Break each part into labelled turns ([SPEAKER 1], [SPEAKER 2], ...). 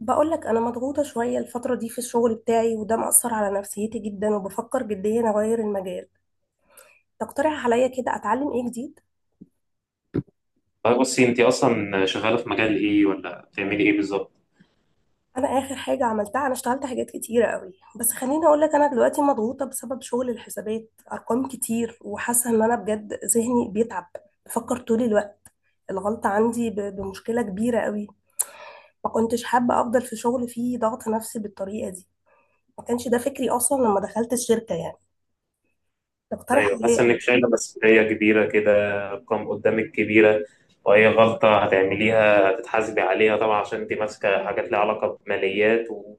[SPEAKER 1] بقولك انا مضغوطه شويه الفتره دي في الشغل بتاعي، وده مأثر على نفسيتي جدا، وبفكر جديا اغير المجال. تقترح عليا كده اتعلم ايه جديد؟
[SPEAKER 2] طيب بصي، انت اصلا شغاله في مجال ايه ولا بتعملي ايه بالظبط؟
[SPEAKER 1] انا اخر حاجه عملتها، انا اشتغلت حاجات كتيره قوي. بس خليني اقولك، انا دلوقتي مضغوطه بسبب شغل الحسابات، ارقام كتير، وحاسه ان انا بجد ذهني بيتعب. بفكر طول الوقت. الغلطه عندي بمشكله كبيره قوي. ما كنتش حابه افضل في شغل فيه ضغط نفسي بالطريقه دي. ما كانش ده فكري اصلا لما دخلت الشركه يعني. تقترح
[SPEAKER 2] ايوه،
[SPEAKER 1] عليا
[SPEAKER 2] حاسه انك
[SPEAKER 1] ايه؟
[SPEAKER 2] شايله مسؤوليه كبيره كده. ارقام قدامك كبيره، واي غلطه هتعمليها هتتحاسبي عليها طبعا عشان انت ماسكه حاجات ليها علاقه بماليات. و...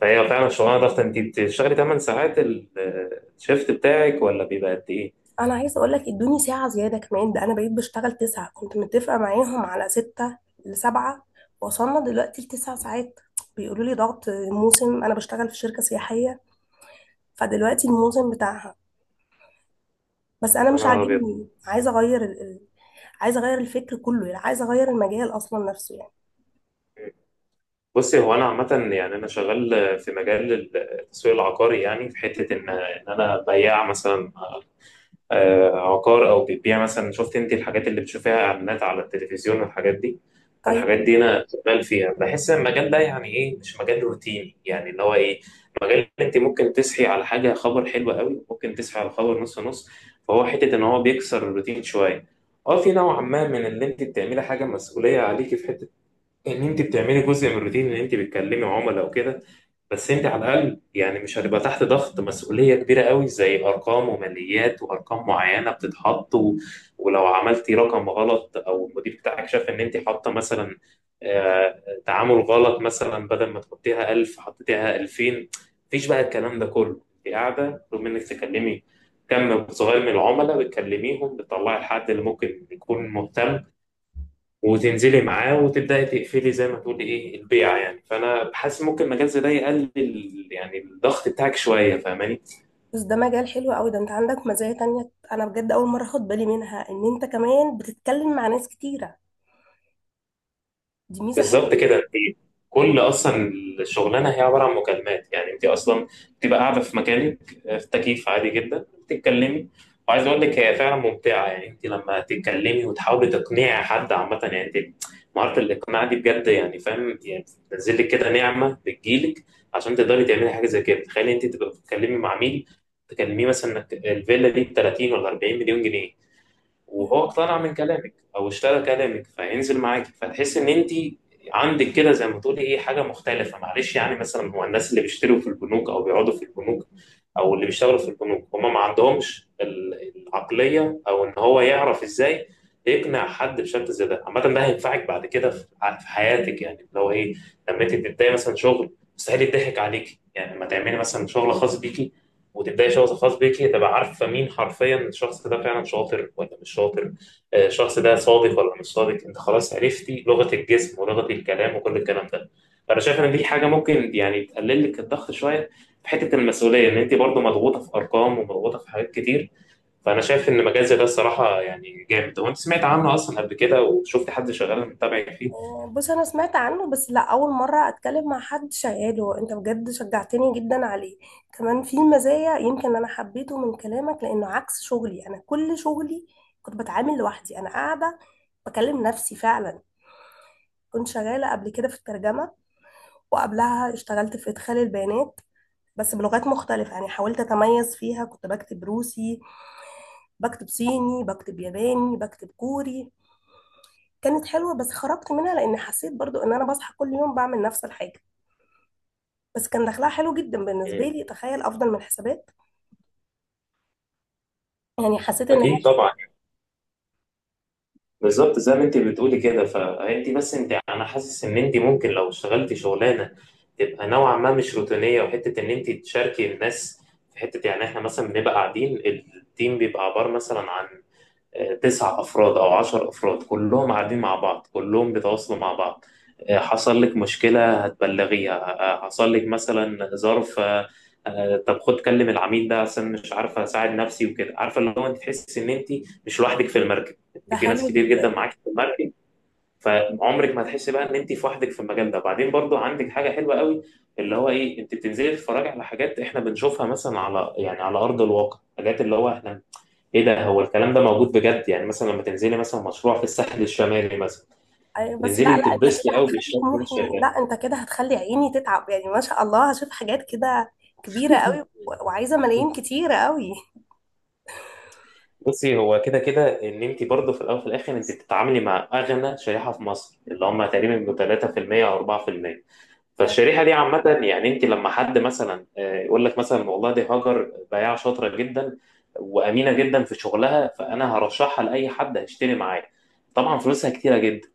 [SPEAKER 2] فهي فعلا شغلانه ضغط. انت بتشتغلي 8 ساعات الشيفت بتاعك ولا بيبقى قد ايه؟
[SPEAKER 1] انا عايزه اقول لك، ادوني ساعه زياده كمان. ده انا بقيت بشتغل 9، كنت متفقه معاهم على 6 لـ7. وصلنا دلوقتي لـ9 ساعات. بيقولوا لي ضغط موسم. انا بشتغل في شركه سياحيه، فدلوقتي الموسم بتاعها. بس انا مش
[SPEAKER 2] انا ابيض.
[SPEAKER 1] عاجبني، عايزه اغير عايزه اغير الفكر كله. يعني عايزه اغير المجال اصلا نفسه يعني.
[SPEAKER 2] بصي، هو انا عامه، يعني انا شغال في مجال التسويق العقاري، يعني في حته ان انا بياع مثلا عقار، او بتبيع مثلا. شفت انت الحاجات اللي بتشوفيها، اعلانات على التلفزيون والحاجات دي؟
[SPEAKER 1] طيب،
[SPEAKER 2] فالحاجات دي انا شغال فيها. بحس ان المجال ده يعني ايه، مش مجال روتيني، يعني اللي هو ايه، مجال انت ممكن تصحي على حاجه خبر حلو قوي، ممكن تصحي على خبر نص نص. فهو حته ان هو بيكسر الروتين شويه. اه، في نوع ما من اللي انت بتعملي حاجه مسؤوليه عليكي، في حته ان انت بتعملي جزء من الروتين ان انت بتكلمي عملاء وكده. بس انت على الاقل، يعني مش هتبقى تحت ضغط مسؤوليه كبيره قوي زي ارقام وماليات وارقام معينه بتتحط. و... ولو عملتي رقم غلط او المدير بتاعك شاف ان انت حاطه مثلا تعامل غلط، مثلا بدل ما تحطيها 1000 حطيتيها 2000، مفيش بقى الكلام ده كله. انت قاعده رغم انك تكلمي كم صغير من العملاء، بتكلميهم بتطلعي الحد اللي ممكن يكون مهتم وتنزلي معاه وتبداي تقفلي زي ما تقولي ايه البيعه. يعني فانا بحس ممكن مجال زي ده يقلل يعني الضغط بتاعك شويه، فاهماني؟
[SPEAKER 1] بس ده مجال حلو قوي. ده انت عندك مزايا تانية، انا بجد اول مره اخد بالي منها ان انت كمان بتتكلم مع ناس كتيره. دي ميزه
[SPEAKER 2] بالظبط كده. انت كل اصلا الشغلانه هي عباره عن مكالمات، يعني انت اصلا بتبقى قاعده في مكانك، في تكييف عادي جدا بتتكلمي. وعايز اقول لك هي فعلا ممتعه، يعني انت لما تتكلمي وتحاولي تقنعي حد عامه، يعني انت مهاره الاقناع دي بجد، يعني فاهم يعني، بتنزل لك كده نعمه بتجيلك عشان تقدري تعملي حاجه زي كده. تخيلي انت تبقى بتتكلمي مع مين، تكلميه مثلا انك الفيلا دي ب 30 ولا 40 مليون جنيه، وهو
[SPEAKER 1] حلوه.
[SPEAKER 2] اقتنع من كلامك او اشترى كلامك، فهينزل معاكي، فتحس ان انت عندك كده زي ما تقولي ايه، حاجه مختلفه. معلش، يعني مثلا هو الناس اللي بيشتروا في البنوك او بيقعدوا في البنوك او اللي بيشتغلوا في البنوك هم ما عندهمش العقليه او ان هو يعرف ازاي يقنع حد بشكل زي ده. عامه، ده هينفعك بعد كده في حياتك، يعني اللي هو ايه، لما انت تبداي مثلا شغل مستحيل يضحك عليكي، يعني لما تعملي مثلا شغل خاص بيكي وتبداي شخص خاص بيكي، تبقى عارفه مين حرفيا الشخص ده فعلا شاطر ولا مش شاطر، الشخص ده صادق ولا مش صادق. انت خلاص عرفتي لغه الجسم ولغه الكلام وكل الكلام ده. فانا شايف ان دي حاجه ممكن يعني تقلل لك الضغط شويه في حته المسؤوليه، ان انت برضو مضغوطه في ارقام ومضغوطه في حاجات كتير. فانا شايف ان مجال زي ده الصراحه يعني جامد. هو انت سمعت عنه اصلا قبل كده وشفت حد شغال متابع فيه؟
[SPEAKER 1] بص، انا سمعت عنه، بس لا، اول مره اتكلم مع حد شغاله. انت بجد شجعتني جدا عليه. كمان في مزايا، يمكن انا حبيته من كلامك لانه عكس شغلي. انا كل شغلي كنت بتعامل لوحدي، انا قاعده بكلم نفسي فعلا. كنت شغاله قبل كده في الترجمه، وقبلها اشتغلت في ادخال البيانات. بس بلغات مختلفة يعني، حاولت أتميز فيها. كنت بكتب روسي، بكتب صيني، بكتب ياباني، بكتب كوري. كانت حلوة، بس خرجت منها لأن حسيت برضو إن أنا بصحى كل يوم بعمل نفس الحاجة. بس كان دخلها حلو جدا بالنسبة
[SPEAKER 2] مم.
[SPEAKER 1] لي، تخيل، أفضل من الحسابات. يعني حسيت إن هي
[SPEAKER 2] اكيد
[SPEAKER 1] حلو.
[SPEAKER 2] طبعا. بالظبط زي ما انت بتقولي كده. فانت بس انت انا حاسس ان انت ممكن لو اشتغلتي شغلانه تبقى نوعا ما مش روتينيه وحته ان انت تشاركي الناس في حته، يعني احنا مثلا بنبقى قاعدين، التيم بيبقى عباره مثلا عن تسع افراد او عشر افراد، كلهم قاعدين مع بعض، كلهم بيتواصلوا مع بعض. حصل لك مشكلة هتبلغيها، حصل لك مثلا ظرف، طب خد كلم العميل ده عشان مش عارفة أساعد نفسي وكده. عارفة اللي هو أنت تحس إن أنت مش لوحدك في المركب، أنت
[SPEAKER 1] ده
[SPEAKER 2] في
[SPEAKER 1] حلو
[SPEAKER 2] ناس كتير
[SPEAKER 1] جدا.
[SPEAKER 2] جدا معاك في المركب، فعمرك ما هتحسي بقى إن أنت في وحدك في المجال ده. بعدين برضو عندك حاجة حلوة قوي اللي هو إيه، أنت بتنزلي تتفرجي على حاجات إحنا بنشوفها مثلا على يعني على أرض الواقع، حاجات اللي هو إحنا إيه ده، هو الكلام ده موجود بجد، يعني مثلا لما تنزلي مثلا مشروع في الساحل الشمالي مثلا،
[SPEAKER 1] أيوة، بس لا
[SPEAKER 2] تنزلي
[SPEAKER 1] لا، أنت كده
[SPEAKER 2] تتبسطي قوي
[SPEAKER 1] هتخلي
[SPEAKER 2] بالشكل اللي انت
[SPEAKER 1] طموحي.
[SPEAKER 2] شايفاه.
[SPEAKER 1] لا، أنت كده هتخلي عيني تتعب. يعني ما شاء الله، هشوف حاجات كده كبيرة قوي، وعايزة ملايين كتيرة قوي.
[SPEAKER 2] بصي، هو كده كده ان انت برضه في الاول وفي الاخر انت بتتعاملي مع اغنى شريحه في مصر، اللي هم تقريبا بيبقوا 3% او 4%.
[SPEAKER 1] أيوة.
[SPEAKER 2] فالشريحه دي عامه، يعني انت لما حد مثلا يقول لك مثلا، والله دي هاجر بياعه شاطره جدا وامينه جدا في شغلها، فانا هرشحها لاي حد هيشتري معايا، طبعا فلوسها كتيره جدا.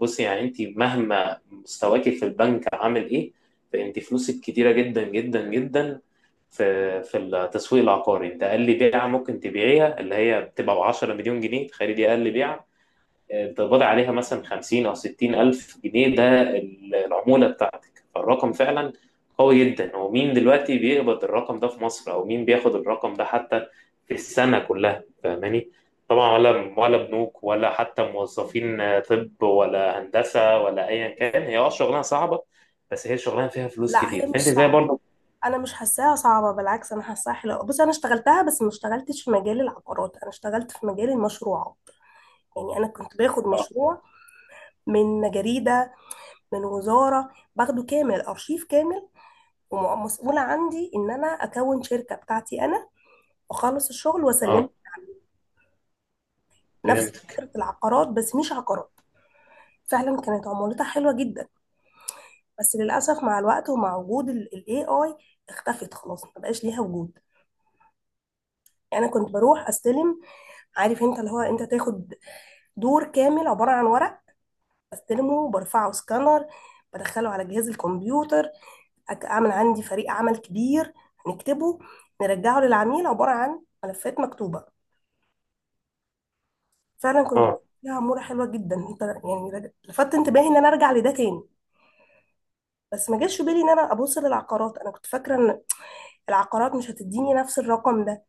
[SPEAKER 2] بصي، يعني انت مهما مستواكي في البنك عامل ايه، فانت فلوسك كتيره جدا جدا جدا. في التسويق العقاري انت اقل بيعه ممكن تبيعيها اللي هي بتبقى ب 10 مليون جنيه. تخيلي دي اقل بيعه، تقبضي عليها مثلا 50 أو 60 ألف جنيه، ده العمولة بتاعتك. فالرقم فعلا قوي جدا. ومين دلوقتي بيقبض الرقم ده في مصر، أو مين بياخد الرقم ده حتى في السنة كلها، فاهماني؟ طبعا ولا بنوك، ولا حتى موظفين، طب ولا هندسة، ولا أيا كان. هي أه شغلانة صعبة، بس هي شغلانة فيها فلوس
[SPEAKER 1] لا،
[SPEAKER 2] كتير.
[SPEAKER 1] هي مش
[SPEAKER 2] فأنت زي
[SPEAKER 1] صعبة.
[SPEAKER 2] برضه.
[SPEAKER 1] أنا مش حاساها صعبة، بالعكس أنا حاساها حلوة. بص، أنا اشتغلتها، بس ما اشتغلتش في مجال العقارات، أنا اشتغلت في مجال المشروعات. يعني أنا كنت باخد
[SPEAKER 2] أه.
[SPEAKER 1] مشروع من جريدة، من وزارة، باخده كامل، أرشيف كامل. ومسؤولة عندي إن أنا أكون شركة بتاعتي أنا، وأخلص الشغل
[SPEAKER 2] آه،
[SPEAKER 1] وأسلمه. نفس
[SPEAKER 2] فهمتك.
[SPEAKER 1] فكرة العقارات، بس مش عقارات. فعلا كانت عمولتها حلوة جدا. بس للأسف، مع الوقت ومع وجود ال AI اختفت خلاص، ما بقاش ليها وجود. يعني أنا كنت بروح أستلم، عارف أنت، اللي هو أنت تاخد دور كامل عبارة عن ورق، بستلمه، برفعه سكانر، بدخله على جهاز الكمبيوتر. أعمل عندي فريق عمل كبير، نكتبه، نرجعه للعميل عبارة عن ملفات مكتوبة. فعلا كنت بشوف
[SPEAKER 2] أه،
[SPEAKER 1] لها عموره حلوه جدا. انت يعني لفت انتباهي ان انا ارجع لده تاني. بس ما جاش في بالي ان انا ابص للعقارات. انا كنت فاكره ان العقارات مش هتديني نفس الرقم ده،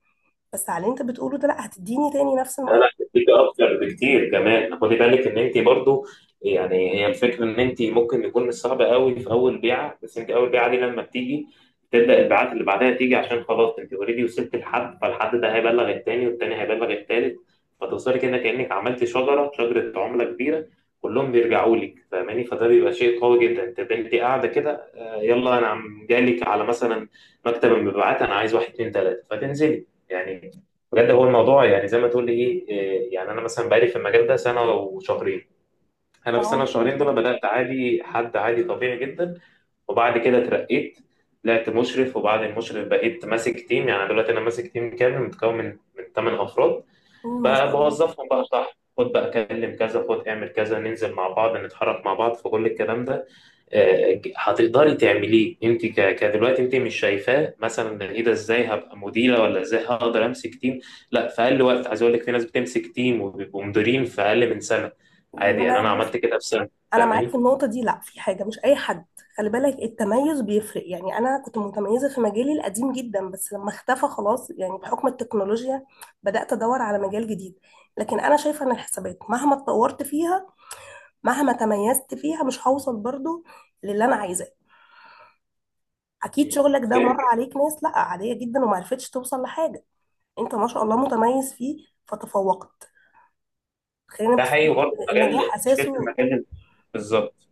[SPEAKER 1] بس على اللي انت بتقوله ده، لا، هتديني تاني نفس
[SPEAKER 2] لا لا،
[SPEAKER 1] الرقم.
[SPEAKER 2] هتديك اكتر بكتير كمان. خدي بالك ان انت برضو، يعني هي الفكره ان انت ممكن يكون مش صعب قوي في اول بيعه. بس انت اول بيعه دي لما بتيجي، تبدا البيعات اللي بعدها تيجي، عشان خلاص انت اوريدي وصلت لحد، فالحد ده هيبلغ التاني والتاني هيبلغ التالت، فتوصلي كده كانك عملت شجره. شجره عمله كبيره كلهم بيرجعوا لك، فاهماني؟ فده بيبقى شيء قوي جدا. انت انت قاعده كده، يلا انا عم جالك على مثلا مكتب المبيعات، انا عايز واحد اتنين تلاته، فتنزلي، يعني بجد هو الموضوع يعني زي ما تقول لي ايه يعني انا مثلا بقالي في المجال ده سنه وشهرين. انا
[SPEAKER 1] اه
[SPEAKER 2] في سنه
[SPEAKER 1] ما شاء
[SPEAKER 2] وشهرين دول
[SPEAKER 1] الله.
[SPEAKER 2] بدات عادي، حد عادي طبيعي جدا، وبعد كده اترقيت، طلعت مشرف، وبعد المشرف بقيت ماسك تيم. يعني دلوقتي انا ماسك تيم كامل متكون من 8 افراد،
[SPEAKER 1] مم، ما
[SPEAKER 2] بقى
[SPEAKER 1] شاء الله.
[SPEAKER 2] بوظفهم بقى، صح خد بقى كلم كذا، خد اعمل كذا، ننزل مع بعض، نتحرك مع بعض في كل الكلام ده. هتقدري تعمليه انت. كدلوقتي انت مش شايفاه مثلا ايه ده، ازاي هبقى مديره، ولا ازاي هقدر امسك تيم؟ لا، في اقل وقت. عايز اقول لك في ناس بتمسك تيم وبيبقوا مديرين في اقل من سنه، عادي.
[SPEAKER 1] ما
[SPEAKER 2] يعني
[SPEAKER 1] انا
[SPEAKER 2] انا
[SPEAKER 1] بص،
[SPEAKER 2] عملت كده في سنه،
[SPEAKER 1] انا معاك في
[SPEAKER 2] فاهماني؟
[SPEAKER 1] النقطه دي. لا، في حاجه مش اي حد. خلي بالك، التميز بيفرق. يعني انا كنت متميزه في مجالي القديم جدا، بس لما اختفى خلاص يعني بحكم التكنولوجيا، بدات ادور على مجال جديد. لكن انا شايفه ان الحسابات مهما اتطورت فيها، مهما تميزت فيها، مش هوصل برضو للي انا عايزاه. اكيد
[SPEAKER 2] مم.
[SPEAKER 1] شغلك ده
[SPEAKER 2] فاهم.
[SPEAKER 1] مر عليك ناس لا عاديه جدا وما عرفتش توصل لحاجه. انت ما شاء الله متميز فيه فتفوقت. خلينا
[SPEAKER 2] ده
[SPEAKER 1] متفقين
[SPEAKER 2] حقيقي برضه
[SPEAKER 1] إن النجاح
[SPEAKER 2] مجال. مشكله
[SPEAKER 1] اساسه،
[SPEAKER 2] المجال بالظبط.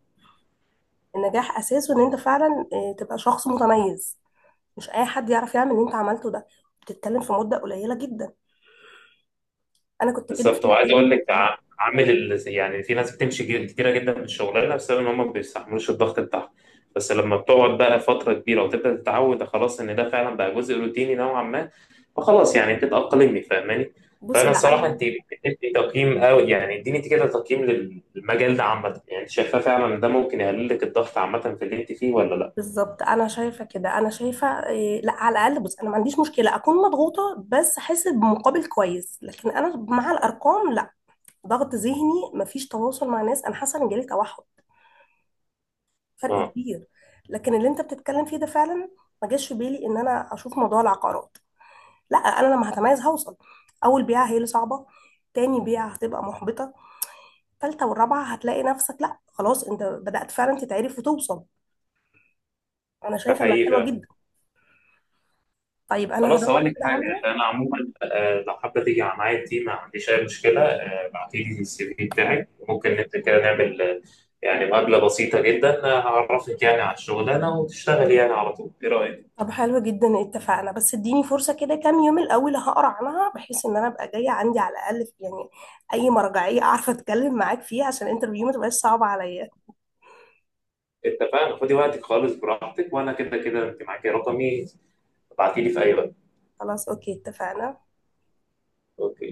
[SPEAKER 1] النجاح اساسه ان انت فعلا تبقى شخص متميز. مش اي حد يعرف يعمل اللي انت عملته ده بتتكلم في مده قليله جدا. انا كنت كده في
[SPEAKER 2] بالظبط. وعايز
[SPEAKER 1] مجالي
[SPEAKER 2] اقول لك
[SPEAKER 1] القديم.
[SPEAKER 2] عامل يعني في ناس بتمشي كتيره جدا من الشغلانه بسبب ان هم ما بيستحملوش الضغط بتاعها. بس لما بتقعد بقى فتره كبيره وتبدا تتعود، خلاص ان ده فعلا بقى جزء روتيني نوعا ما، فخلاص يعني بتتاقلمي، فاهماني؟
[SPEAKER 1] بصي
[SPEAKER 2] فانا
[SPEAKER 1] لا
[SPEAKER 2] الصراحه
[SPEAKER 1] انا،
[SPEAKER 2] انت بتدي تقييم قوي. يعني اديني انت كده تقييم للمجال ده عامه، يعني انت شايفاه فعلا ان ده ممكن يقلل لك الضغط عامه في اللي انت فيه ولا لا؟
[SPEAKER 1] بالظبط. انا شايفه كده انا شايفه إيه، لا، على الاقل بص، انا ما عنديش مشكله اكون مضغوطه بس احس بمقابل كويس، لكن انا مع الارقام لا. ضغط ذهني، ما فيش تواصل مع ناس، انا حاسه ان جالي توحد. فرق
[SPEAKER 2] اه،
[SPEAKER 1] كبير. لكن اللي انت بتتكلم فيه ده فعلا، ما جاش في بالي ان انا اشوف موضوع العقارات. لا، انا لما هتميز هوصل. اول بيعه هي اللي صعبه، تاني بيعه هتبقى محبطه، تالتة والرابعه هتلاقي نفسك، لا خلاص انت بدأت فعلا تتعرف وتوصل. انا
[SPEAKER 2] ده
[SPEAKER 1] شايفه انها
[SPEAKER 2] حقيقي
[SPEAKER 1] حلوه
[SPEAKER 2] فعلاً.
[SPEAKER 1] جدا. طيب انا
[SPEAKER 2] خلاص،
[SPEAKER 1] هدور
[SPEAKER 2] اقول لك
[SPEAKER 1] كده
[SPEAKER 2] حاجه،
[SPEAKER 1] عنها.
[SPEAKER 2] عشان انا عموما لو حابه تيجي على معايا دي ما عنديش اي مشكله. ابعتي لي السي في بتاعك، ممكن انت كده نعمل يعني مقابله بسيطه جدا، هعرفك يعني على الشغلانه وتشتغلي يعني على طول، ايه رايك؟
[SPEAKER 1] طب حلو جدا، اتفقنا. بس اديني فرصة كده كام يوم الأول، هقرا عنها بحيث ان انا ابقى جاية عندي على الأقل يعني اي مرجعية اعرف اتكلم معاك فيها، عشان الانترفيو ما تبقاش صعبة عليا.
[SPEAKER 2] اتفقنا. خدي وقتك خالص، براحتك، وانا كده كده انت معاكي رقمي، ابعتي لي في اي وقت.
[SPEAKER 1] خلاص اوكي اتفقنا.
[SPEAKER 2] اوكي.